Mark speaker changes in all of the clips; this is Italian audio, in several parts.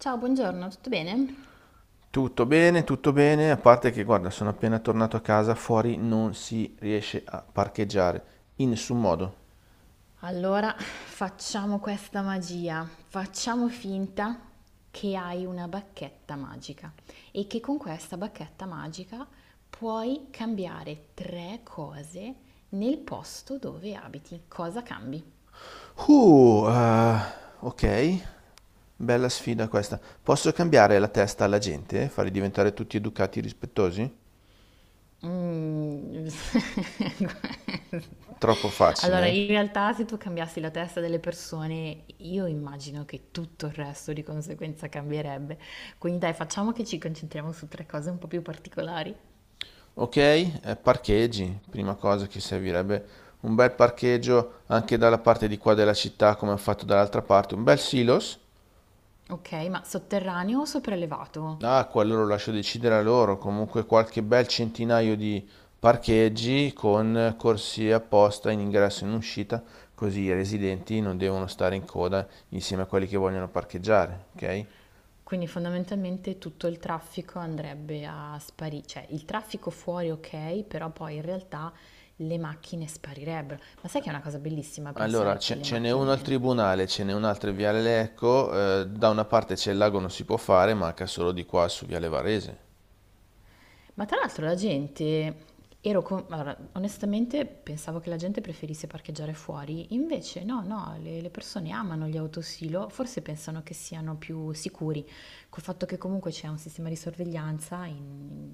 Speaker 1: Ciao, buongiorno, tutto bene?
Speaker 2: Tutto bene, a parte che guarda, sono appena tornato a casa, fuori non si riesce a parcheggiare, in nessun modo.
Speaker 1: Allora, facciamo questa magia. Facciamo finta che hai una bacchetta magica e che con questa bacchetta magica puoi cambiare tre cose nel posto dove abiti. Cosa cambi?
Speaker 2: Uh, eh, ok, bella sfida questa. Posso cambiare la testa alla gente, farli diventare tutti educati e rispettosi?
Speaker 1: Mhmm.
Speaker 2: Troppo facile.
Speaker 1: Allora
Speaker 2: Eh?
Speaker 1: in realtà se tu cambiassi la testa delle persone, io immagino che tutto il resto di conseguenza cambierebbe. Quindi dai, facciamo che ci concentriamo su tre cose un po' più particolari.
Speaker 2: Ok, parcheggi, prima cosa che servirebbe un bel parcheggio anche dalla parte di qua della città come ho fatto dall'altra parte, un bel silos.
Speaker 1: Ok, ma sotterraneo o sopraelevato?
Speaker 2: Ah, quello lo lascio decidere a loro. Comunque qualche bel centinaio di parcheggi con corsie apposta in ingresso e in uscita, così i residenti non devono stare in coda insieme a quelli che vogliono parcheggiare, ok?
Speaker 1: Quindi fondamentalmente tutto il traffico andrebbe a sparire, cioè il traffico fuori ok, però poi in realtà le macchine sparirebbero. Ma sai che è una cosa bellissima
Speaker 2: Allora,
Speaker 1: pensare che
Speaker 2: ce,
Speaker 1: le
Speaker 2: ce n'è uno al
Speaker 1: macchine.
Speaker 2: tribunale, ce n'è un altro in Viale Lecco. Eh, da una parte c'è il lago, non si può fare, manca solo di qua su Viale Varese.
Speaker 1: Ma tra l'altro la gente, allora, onestamente pensavo che la gente preferisse parcheggiare fuori, invece no, no, le persone amano gli autosilo, forse pensano che siano più sicuri, col fatto che comunque c'è un sistema di sorveglianza in,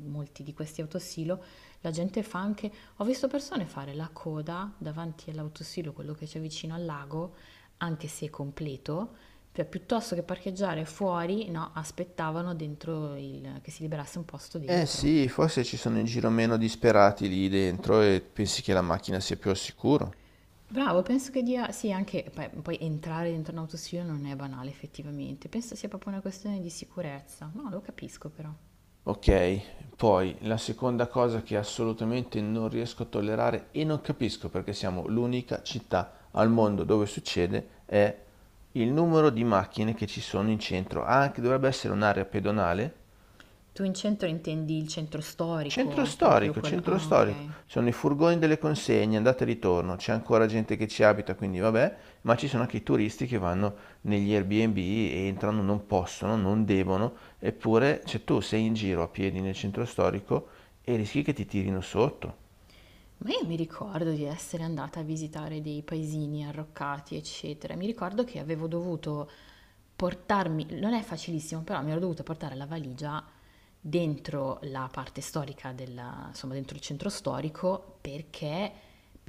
Speaker 1: in molti di questi autosilo, la gente fa anche, ho visto persone fare la coda davanti all'autosilo, quello che c'è vicino al lago, anche se è completo, cioè, piuttosto che parcheggiare fuori, no, aspettavano dentro che si liberasse un posto
Speaker 2: Eh
Speaker 1: dentro.
Speaker 2: sì, forse ci sono in giro meno disperati lì dentro e pensi che la macchina sia più al sicuro.
Speaker 1: Bravo, penso che dia, sì, anche poi, poi entrare dentro un autostudio non è banale effettivamente, penso sia proprio una questione di sicurezza, no, lo capisco però.
Speaker 2: Ok, poi la seconda cosa che assolutamente non riesco a tollerare e non capisco perché siamo l'unica città al mondo dove succede è il numero di macchine che ci sono in centro. Anche dovrebbe essere un'area pedonale.
Speaker 1: Tu in centro intendi il centro
Speaker 2: Centro
Speaker 1: storico, proprio
Speaker 2: storico,
Speaker 1: quello.
Speaker 2: centro
Speaker 1: Ah, ok.
Speaker 2: storico. Sono i furgoni delle consegne, andata e ritorno. C'è ancora gente che ci abita, quindi vabbè, ma ci sono anche i turisti che vanno negli Airbnb, e entrano, non possono, non devono, eppure, cioè tu sei in giro a piedi nel centro storico e rischi che ti tirino sotto.
Speaker 1: Ma io mi ricordo di essere andata a visitare dei paesini arroccati, eccetera. Mi ricordo che avevo dovuto portarmi, non è facilissimo, però mi ero dovuta portare la valigia dentro la parte storica della, insomma, dentro il centro storico perché,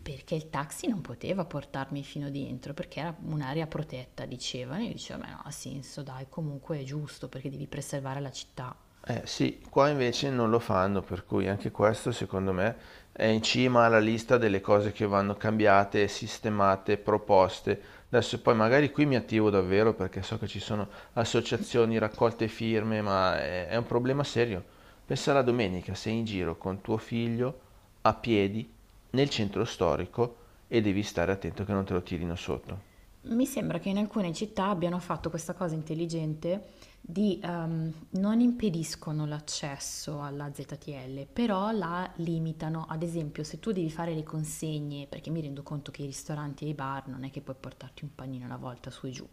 Speaker 1: perché il taxi non poteva portarmi fino dentro, perché era un'area protetta, dicevano. Io dicevo, ma no, ha senso, dai, comunque è giusto perché devi preservare la città.
Speaker 2: Eh sì, qua invece non lo fanno, per cui anche questo secondo me è in cima alla lista delle cose che vanno cambiate, sistemate, proposte. Adesso poi magari qui mi attivo davvero perché so che ci sono associazioni, raccolte firme, ma è un problema serio. Pensa alla domenica, sei in giro con tuo figlio a piedi nel centro storico e devi stare attento che non te lo tirino sotto.
Speaker 1: Mi sembra che in alcune città abbiano fatto questa cosa intelligente di non impediscono l'accesso alla ZTL, però la limitano. Ad esempio, se tu devi fare le consegne, perché mi rendo conto che i ristoranti e i bar non è che puoi portarti un panino alla volta su e giù,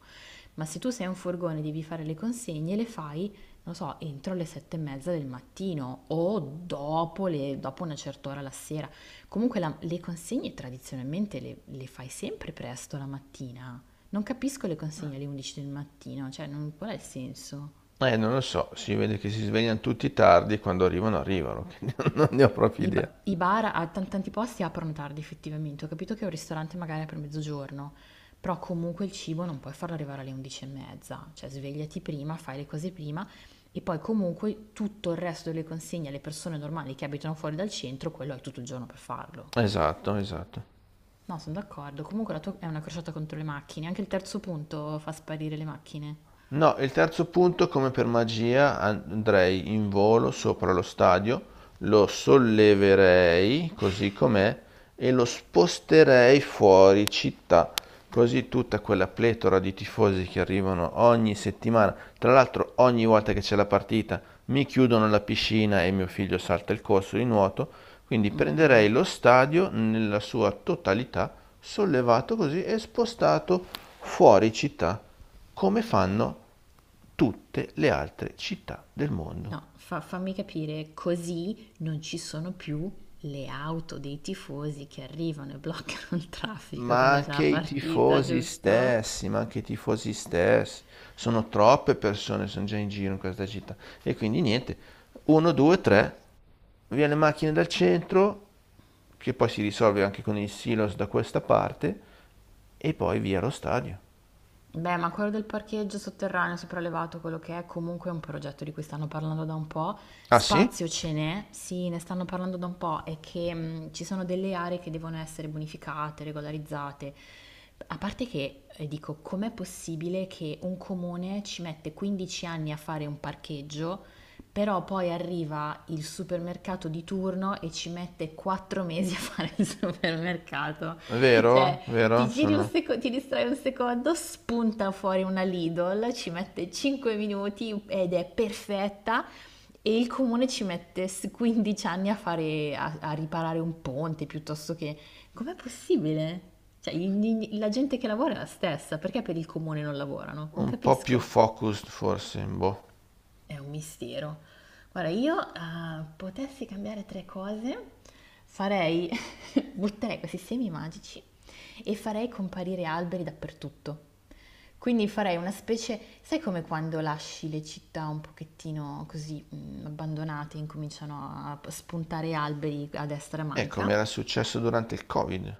Speaker 1: ma se tu sei un furgone e devi fare le consegne, le fai non so, entro le sette e mezza del mattino o dopo, dopo una certa ora la sera. Comunque le consegne tradizionalmente le fai sempre presto la mattina. Non capisco le consegne alle 11 del mattino, cioè qual è il senso?
Speaker 2: Non lo so, si vede che si svegliano tutti tardi, e quando arrivano arrivano, che non ne ho proprio idea.
Speaker 1: I bar a tanti posti aprono tardi effettivamente, ho capito che un ristorante magari apre a mezzogiorno, però comunque il cibo non puoi farlo arrivare alle 11 e mezza, cioè svegliati prima, fai le cose prima e poi comunque tutto il resto delle consegne alle persone normali che abitano fuori dal centro, quello hai tutto il giorno per farlo.
Speaker 2: Esatto, esatto.
Speaker 1: No, sono d'accordo, comunque la tua è una crociata contro le macchine, anche il terzo punto fa sparire le macchine.
Speaker 2: No, il terzo punto, come per magia, andrei in volo sopra lo stadio, lo solleverei così com'è e lo sposterei fuori città. Così tutta quella pletora di tifosi che arrivano ogni settimana, tra l'altro ogni volta che c'è la partita, mi chiudono la piscina e mio figlio salta il corso di nuoto, quindi prenderei lo stadio nella sua totalità sollevato così e spostato fuori città, come fanno tutte le altre città del mondo.
Speaker 1: No, fammi capire, così non ci sono più le auto dei tifosi che arrivano e bloccano il traffico
Speaker 2: Ma
Speaker 1: quando c'è
Speaker 2: anche
Speaker 1: la
Speaker 2: i
Speaker 1: partita,
Speaker 2: tifosi
Speaker 1: giusto?
Speaker 2: stessi, ma anche i tifosi stessi, sono troppe persone, sono già in giro in questa città. E quindi niente, uno, due, tre, via le macchine dal centro, che poi si risolve anche con il silos da questa parte, e poi via lo stadio.
Speaker 1: Beh, ma quello del parcheggio sotterraneo sopraelevato, quello che è comunque un progetto di cui stanno parlando da un po',
Speaker 2: Ah sì?
Speaker 1: spazio ce n'è, sì, ne stanno parlando da un po' e che ci sono delle aree che devono essere bonificate, regolarizzate. A parte che dico, com'è possibile che un comune ci mette 15 anni a fare un parcheggio, però poi arriva il supermercato di turno e ci mette 4 mesi a fare il supermercato? Cioè,
Speaker 2: Vero? Vero?
Speaker 1: ti giri un
Speaker 2: Sono...
Speaker 1: ti distrai un secondo, spunta fuori una Lidl, ci mette 5 minuti ed è perfetta e il comune ci mette 15 anni a fare, a, a riparare un ponte piuttosto che... Com'è possibile? Cioè, la gente che lavora è la stessa, perché per il comune non lavorano? Non
Speaker 2: Un po' più
Speaker 1: capisco.
Speaker 2: focused forse, boh.
Speaker 1: È un mistero. Guarda, io potessi cambiare tre cose, farei, butterei questi semi magici e farei comparire alberi dappertutto. Quindi farei una specie, sai come quando lasci le città un pochettino così abbandonate e incominciano a spuntare alberi a destra e a
Speaker 2: E
Speaker 1: manca?
Speaker 2: come era successo durante il Covid.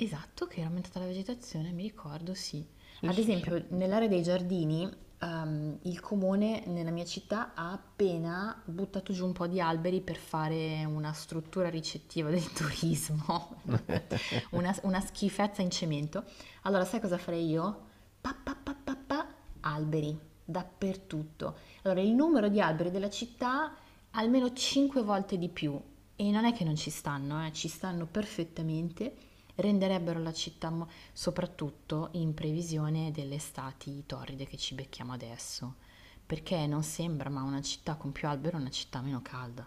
Speaker 1: Esatto, che era aumentata la vegetazione, mi ricordo, sì.
Speaker 2: Sì,
Speaker 1: Ad
Speaker 2: sì, sì.
Speaker 1: esempio, nell'area dei giardini, il comune nella mia città ha appena buttato giù un po' di alberi per fare una struttura ricettiva del turismo, una schifezza in cemento. Allora, sai cosa farei io? Pa, pa, pa, pa, pa, alberi dappertutto. Allora, il numero di alberi della città almeno 5 volte di più. E non è che non ci stanno, ci stanno perfettamente. Renderebbero la città, soprattutto in previsione delle estati torride che ci becchiamo adesso. Perché non sembra, ma una città con più alberi è una città meno calda.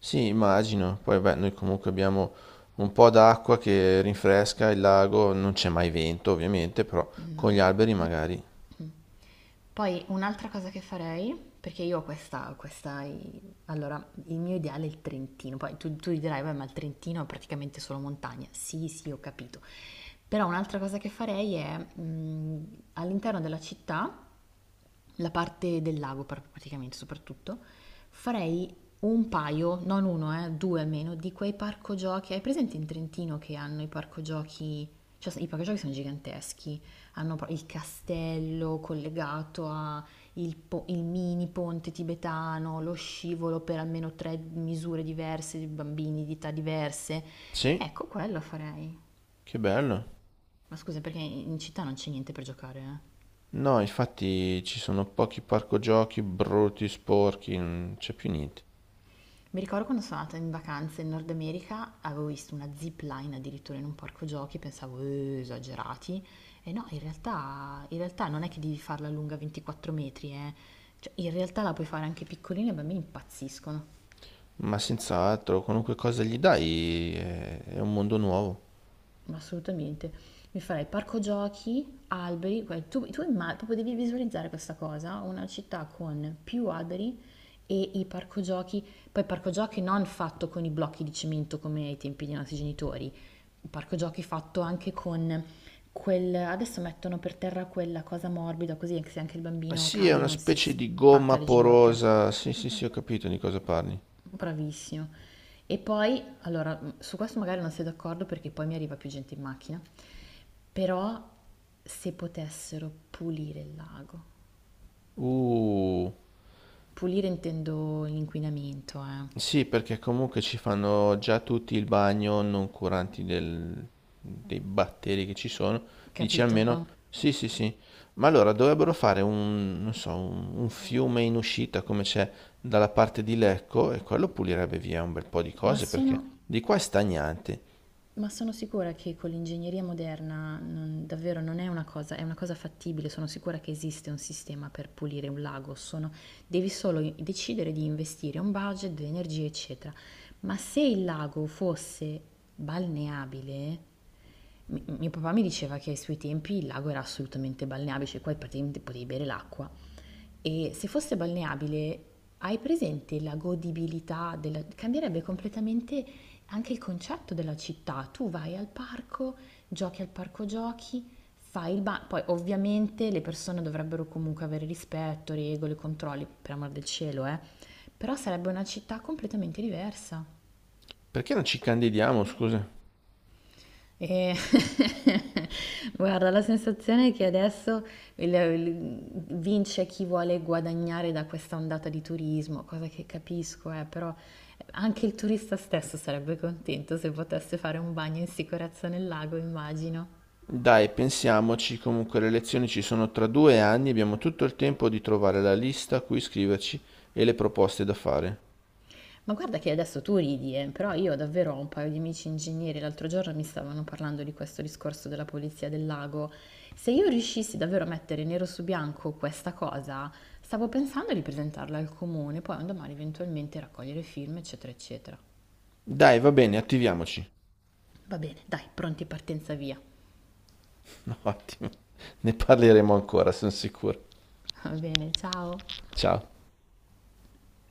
Speaker 2: Sì, immagino. Poi beh, noi comunque abbiamo un po' d'acqua che rinfresca il lago, non c'è mai vento ovviamente, però con gli
Speaker 1: No.
Speaker 2: alberi magari.
Speaker 1: Poi un'altra cosa che farei, perché io ho questa, questa, allora il mio ideale è il Trentino, poi tu, tu dirai, beh, ma il Trentino è praticamente solo montagna. Sì, sì, ho capito. Però un'altra cosa che farei è all'interno della città la parte del lago praticamente soprattutto, farei un paio, non uno, due almeno, di quei parco giochi. Hai presente in Trentino che hanno i parco giochi? Cioè, i parco giochi sono giganteschi, hanno il castello collegato a il, il mini ponte tibetano, lo scivolo per almeno tre misure diverse, di bambini di età diverse.
Speaker 2: Sì,
Speaker 1: Ecco, quello farei.
Speaker 2: che bello.
Speaker 1: Ma scusa, perché in città non c'è niente per giocare, eh?
Speaker 2: No, infatti ci sono pochi parco giochi brutti, sporchi, non c'è più niente.
Speaker 1: Mi ricordo quando sono andata in vacanza in Nord America, avevo visto una zip line addirittura in un parco giochi, pensavo, esagerati. E no, in realtà non è che devi farla lunga 24 metri, eh. Cioè, in realtà la puoi fare anche piccolina e i bambini impazziscono.
Speaker 2: Ma senz'altro, qualunque cosa gli dai è un mondo nuovo.
Speaker 1: Ma assolutamente. Mi farei parco giochi, alberi, tu, tu proprio devi visualizzare questa cosa, una città con più alberi e i parco giochi, poi parco giochi non fatto con i blocchi di cemento come ai tempi dei nostri genitori, parco giochi fatto anche con quel, adesso mettono per terra quella cosa morbida così anche se anche il
Speaker 2: Ah,
Speaker 1: bambino
Speaker 2: sì, è
Speaker 1: cade
Speaker 2: una
Speaker 1: non si
Speaker 2: specie di gomma
Speaker 1: spacca le ginocchia.
Speaker 2: porosa. Sì, sì, sì, ho capito di cosa parli.
Speaker 1: Bravissimo. E poi, allora, su questo magari non sei d'accordo perché poi mi arriva più gente in macchina, però se potessero pulire il lago,
Speaker 2: Uh,
Speaker 1: pulire intendo l'inquinamento,
Speaker 2: sì, perché comunque ci fanno già tutti il bagno, non curanti dei batteri che ci sono. Dici
Speaker 1: capito?
Speaker 2: almeno, sì, sì, sì. Ma allora dovrebbero fare un, non so, un fiume in uscita come c'è dalla parte di Lecco e quello pulirebbe via un bel po' di
Speaker 1: Ma
Speaker 2: cose perché
Speaker 1: sono.
Speaker 2: di qua è stagnante.
Speaker 1: Ma sono sicura che con l'ingegneria moderna davvero non è una cosa, è una cosa fattibile, sono sicura che esiste un sistema per pulire un lago, devi solo decidere di investire un budget, delle energie, eccetera. Ma se il lago fosse balneabile, mio papà mi diceva che ai suoi tempi il lago era assolutamente balneabile, cioè qua praticamente potevi bere l'acqua. E se fosse balneabile, hai presente la godibilità. Cambierebbe completamente anche il concetto della città, tu vai al parco giochi, fai il bagno, poi ovviamente le persone dovrebbero comunque avere rispetto, regole, controlli, per amor del cielo, però sarebbe una città completamente diversa.
Speaker 2: Perché non ci candidiamo, scusa?
Speaker 1: E guarda, la sensazione è che adesso il- il- vince chi vuole guadagnare da questa ondata di turismo, cosa che capisco, però anche il turista stesso sarebbe contento se potesse fare un bagno in sicurezza nel lago, immagino.
Speaker 2: Dai, pensiamoci, comunque le elezioni ci sono tra 2 anni e abbiamo tutto il tempo di trovare la lista a cui iscriverci e le proposte da fare.
Speaker 1: Ma guarda che adesso tu ridi, però io davvero ho un paio di amici ingegneri, l'altro giorno mi stavano parlando di questo discorso della polizia del lago. Se io riuscissi davvero a mettere nero su bianco questa cosa, stavo pensando di presentarla al comune, poi un domani eventualmente raccogliere film, eccetera, eccetera.
Speaker 2: Dai, va bene, attiviamoci.
Speaker 1: Va bene, dai, pronti partenza via.
Speaker 2: No, ottimo, ne parleremo ancora, sono sicuro.
Speaker 1: Va bene, ciao.
Speaker 2: Ciao.